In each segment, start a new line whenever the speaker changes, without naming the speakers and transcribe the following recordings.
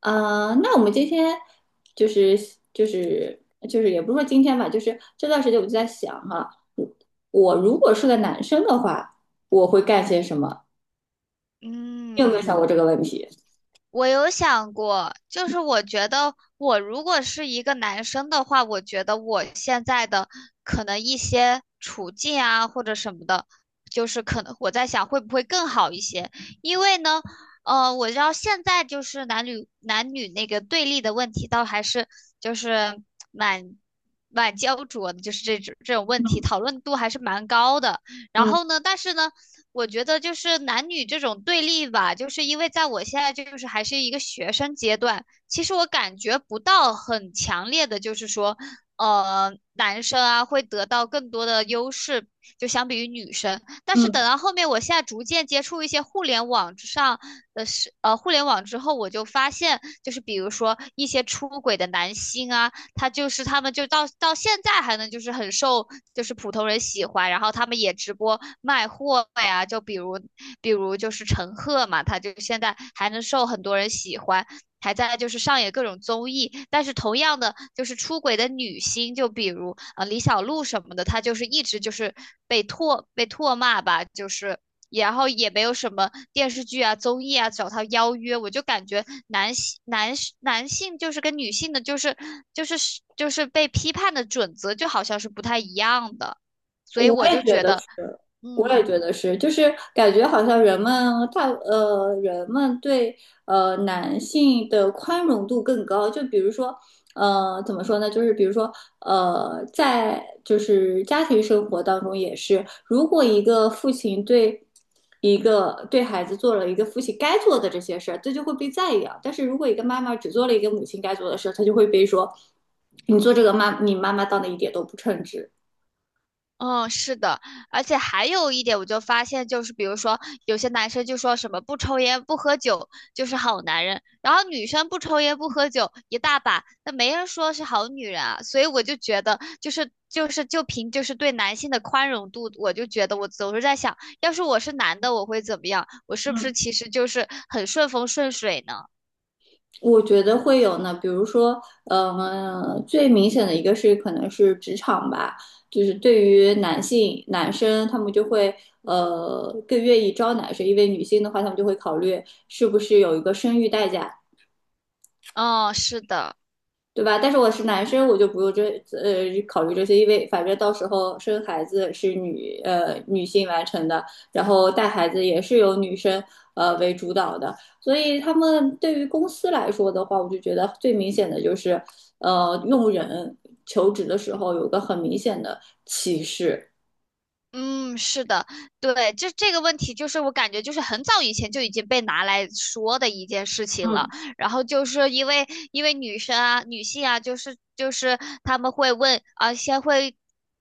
啊，那我们今天就是就是也不是说今天吧，就是这段时间我就在想哈，我如果是个男生的话，我会干些什么？你有没有
嗯，
想过这个问题？
我有想过，就是我觉得我如果是一个男生的话，我觉得我现在的可能一些处境啊或者什么的，就是可能我在想会不会更好一些。因为呢，我知道现在就是男女那个对立的问题，倒还是就是蛮蛮焦灼的，就是这种问题讨论度还是蛮高的。然
嗯
后呢，但是呢。我觉得就是男女这种对立吧，就是因为在我现在就是还是一个学生阶段，其实我感觉不到很强烈的。就是说，男生啊会得到更多的优势，就相比于女生。但是
嗯。
等到后面，我现在逐渐接触一些互联网之上的是，互联网之后，我就发现，就是比如说一些出轨的男星啊，他们就到现在还能就是很受就是普通人喜欢，然后他们也直播卖货呀，就比如就是陈赫嘛，他就现在还能受很多人喜欢。还在就是上演各种综艺，但是同样的就是出轨的女星，就比如李小璐什么的，她就是一直就是被唾骂吧，就是然后也没有什么电视剧啊、综艺啊找他邀约。我就感觉男性就是跟女性的，就是就是被批判的准则，就好像是不太一样的。所以
我
我
也
就
觉
觉
得
得，
是，我也
嗯，
觉得是，就是感觉好像人们对男性的宽容度更高，就比如说怎么说呢，就是比如说在就是家庭生活当中也是，如果一个父亲对一个对孩子做了一个父亲该做的这些事儿，这就会被赞扬；但是如果一个妈妈只做了一个母亲该做的事儿，她就会被说你做这个妈，你妈妈当的一点都不称职。
嗯，是的，而且还有一点，我就发现，就是比如说，有些男生就说什么不抽烟不喝酒就是好男人，然后女生不抽烟不喝酒一大把，那没人说是好女人啊。所以我就觉得，就凭就是对男性的宽容度，我就觉得我总是在想，要是我是男的，我会怎么样？我是不是
嗯。
其实就是很顺风顺水呢？
我觉得会有呢，比如说，最明显的一个是可能是职场吧，就是对于男生，他们就会更愿意招男生，因为女性的话，他们就会考虑是不是有一个生育代价，
嗯，是的。
对吧？但是我是男生，我就不用考虑这些，因为反正到时候生孩子是女性完成的，然后带孩子也是由女生为主导的，所以他们对于公司来说的话，我就觉得最明显的就是用人求职的时候有个很明显的歧视。
嗯，是的，对，就这个问题，就是我感觉就是很早以前就已经被拿来说的一件事情了。
嗯。
然后就是因为女生啊、女性啊，就是就是他们会问啊，先会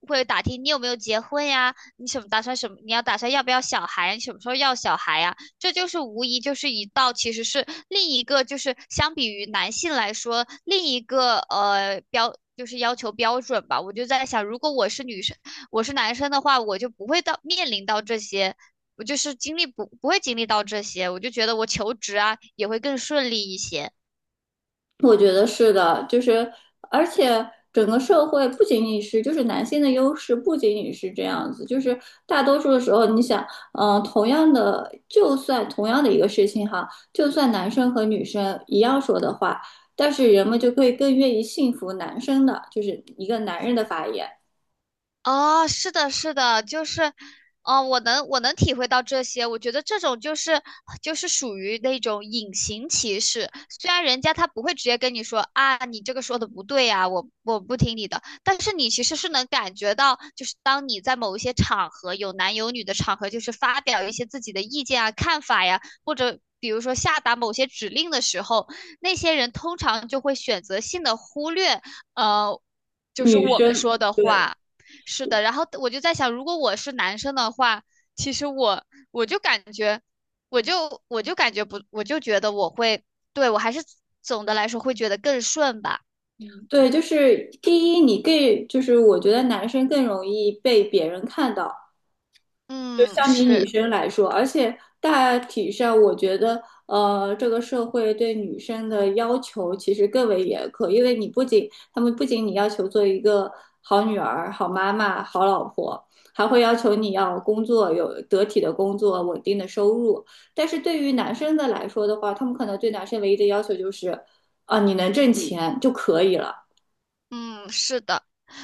会打听你有没有结婚呀，你什么打算什么，你要打算要不要小孩，你什么时候要小孩呀？这就是无疑就是一道，其实是另一个就是相比于男性来说，另一个标。就是要求标准吧，我就在想，如果我是女生。我是男生的话，我就不会到面临到这些，我就是经历不会经历到这些，我就觉得我求职啊也会更顺利一些。
我觉得是的，就是而且整个社会不仅仅是就是男性的优势，不仅仅是这样子，就是大多数的时候，你想，同样的，就算同样的一个事情哈，就算男生和女生一样说的话，但是人们就会更愿意信服男生的，就是一个男人的发言，
哦，是的，是的，就是，哦，我能体会到这些。我觉得这种就是就是属于那种隐形歧视，虽然人家他不会直接跟你说啊，你这个说的不对呀、我不听你的，但是你其实是能感觉到，就是当你在某一些场合有男有女的场合，就是发表一些自己的意见啊、看法呀，或者。比如说下达某些指令的时候，那些人通常就会选择性的忽略，呃，就是
女
我们
生。
说的
对。
话。是的，然后我就在想，如果我是男生的话，其实我就感觉，我就感觉不，我就觉得我会，对，我还是总的来说会觉得更顺吧。嗯，
对，就是第一，你更就是我觉得男生更容易被别人看到，就
嗯，
相比女
是。
生来说，而且大体上，我觉得，这个社会对女生的要求其实更为严苛，因为你不仅他们不仅你要求做一个好女儿、好妈妈、好老婆，还会要求你要工作有得体的工作、稳定的收入。但是对于男生的来说的话，他们可能对男生唯一的要求就是，啊、你能挣钱就可以了。
嗯，是的，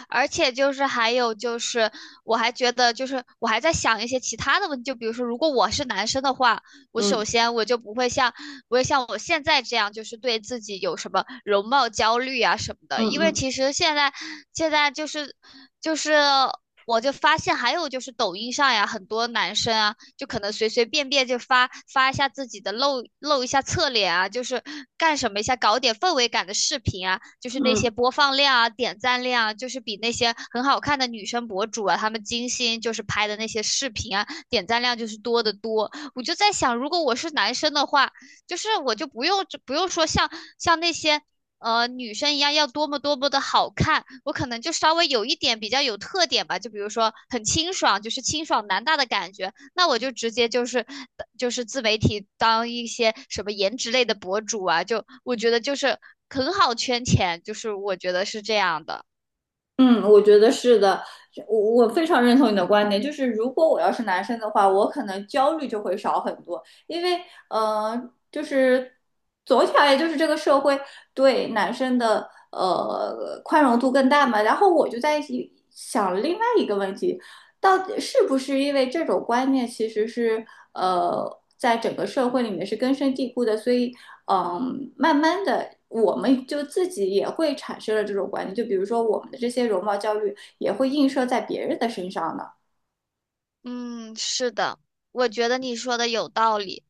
而且就是还有就是，我还觉得就是我还在想一些其他的问题，就比如说，如果我是男生的话，我首
嗯
先我就不会像我现在这样，就是对自己有什么容貌焦虑啊什么的，
嗯
因为
嗯
其实现在就是就是。我就发现还有就是抖音上呀，很多男生啊，就可能随随便便就发一下自己的露一下侧脸啊，就是干什么一下，搞点氛围感的视频啊，就是那
嗯。
些播放量啊、点赞量啊，就是比那些很好看的女生博主啊，她们精心就是拍的那些视频啊，点赞量就是多得多。我就在想，如果我是男生的话，就是我就不用说像那些女生一样要多么多么的好看，我可能就稍微有一点比较有特点吧，就比如说很清爽，就是清爽男大的感觉，那我就直接就是就是自媒体当一些什么颜值类的博主啊，就我觉得就是很好圈钱，就是我觉得是这样的。
嗯，我觉得是的，我我非常认同你的观点。就是如果我要是男生的话，我可能焦虑就会少很多，因为就是总体而言，就是这个社会对男生的宽容度更大嘛。然后我就在想另外一个问题，到底是不是因为这种观念其实是在整个社会里面是根深蒂固的，所以嗯，慢慢的，我们就自己也会产生了这种观念，就比如说我们的这些容貌焦虑也会映射在别人的身上呢，
嗯，是的，我觉得你说的有道理。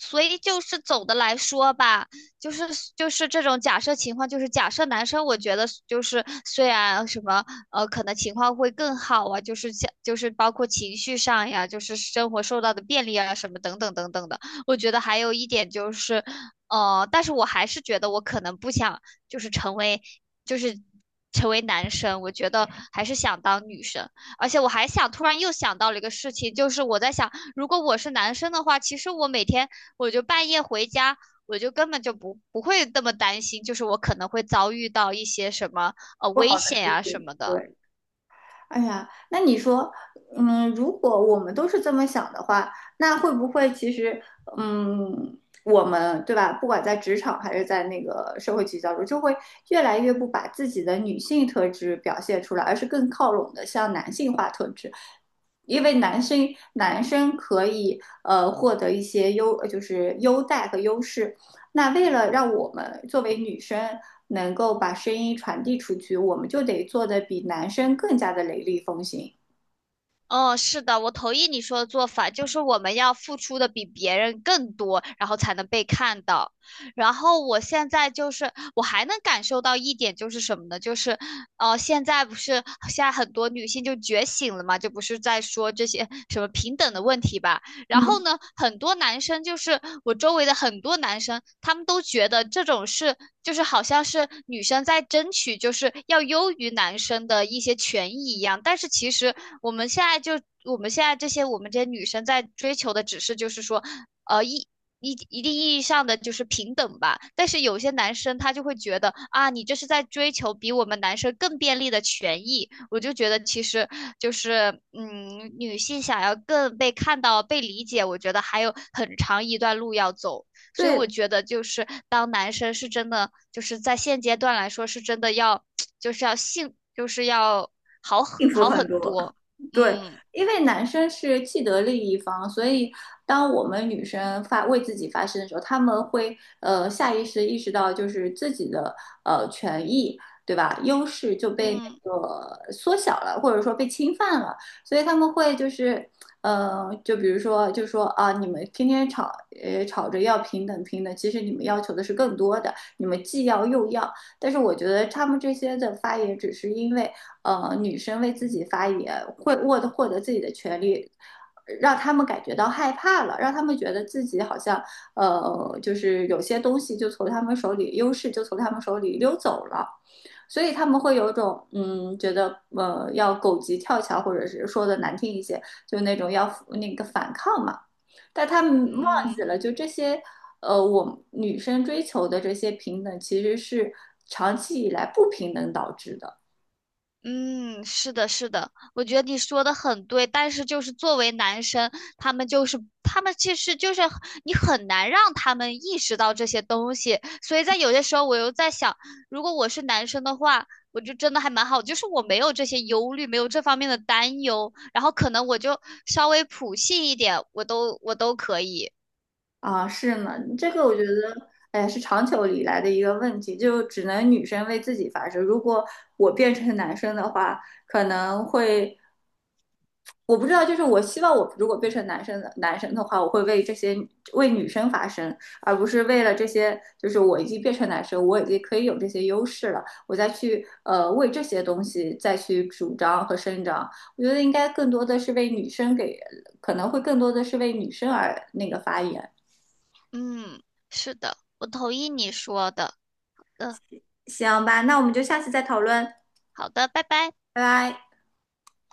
所以就是总的来说吧，就是就是这种假设情况，就是假设男生，我觉得就是虽然什么可能情况会更好啊，就是像就是包括情绪上呀，就是生活受到的便利啊，什么等等等等的。我觉得还有一点就是，但是我还是觉得我可能不想就是成为就是成为男生，我觉得还是想当女生。而且我还想，突然又想到了一个事情，就是我在想，如果我是男生的话，其实我每天我就半夜回家，我就根本就不会那么担心，就是我可能会遭遇到一些什么
不
危
好的
险
事
啊什
情。
么的。
对，哎呀，那你说，嗯，如果我们都是这么想的话，那会不会其实，嗯，我们对吧？不管在职场还是在那个社会聚焦中，就会越来越不把自己的女性特质表现出来，而是更靠拢的向男性化特质。因为男生可以获得一些就是优待和优势。那为了让我们作为女生能够把声音传递出去，我们就得做的比男生更加的雷厉风行，
哦，是的，我同意你说的做法，就是我们要付出的比别人更多，然后才能被看到。然后我现在就是，我还能感受到一点就是什么呢？就是，哦，现在不是现在很多女性就觉醒了嘛，就不是在说这些什么平等的问题吧？然
嗯，
后呢，很多男生就是我周围的很多男生，他们都觉得这种事就是好像是女生在争取就是要优于男生的一些权益一样，但是其实我们现在就我们现在这些我们这些女生在追求的只是就是说。呃，一一一定意义上的就是平等吧。但是有些男生他就会觉得啊，你这是在追求比我们男生更便利的权益。我就觉得其实就是嗯，女性想要更被看到、被理解，我觉得还有很长一段路要走。所以我
对，
觉得就是当男生是真的就是在现阶段来说是真的要 就是要性就是要好很
幸福
好
很
很
多。
多。
对，
嗯
因为男生是既得利益方，所以当我们女生发为自己发声的时候，他们会下意识意识到就是自己的权益，对吧？优势就被
嗯
那个缩小了，或者说被侵犯了，所以他们会就是就比如说就说啊，你们天天吵着要平等平等，其实你们要求的是更多的，你们既要又要，但是我觉得他们这些的发言只是因为。女生为自己发言，会获得自己的权利，让他们感觉到害怕了，让他们觉得自己好像就是有些东西就从他们手里优势就从他们手里溜走了。所以他们会有一种嗯，觉得要狗急跳墙，或者是说的难听一些，就那种要那个反抗嘛。但他们忘记
嗯。
了，就这些我女生追求的这些平等，其实是长期以来不平等导致的。
嗯，是的，是的，我觉得你说的很对，但是就是作为男生，他们其实就是你很难让他们意识到这些东西，所以在有些时候我又在想，如果我是男生的话，我就真的还蛮好，就是我没有这些忧虑，没有这方面的担忧，然后可能我就稍微普信一点，我都可以。
啊，是呢，这个我觉得，哎，是长久以来的一个问题，就只能女生为自己发声。如果我变成男生的话，可能会，我不知道，就是我希望我如果变成男生的的话，我会为这些为女生发声，而不是为了这些，就是我已经变成男生，我已经可以有这些优势了，我再去为这些东西再去主张和伸张。我觉得应该更多的是为女生给，可能会更多的是为女生而那个发言。
嗯，是的，我同意你说的。嗯，
行吧，那我们就下次再讨论，
好的，拜拜。
拜拜。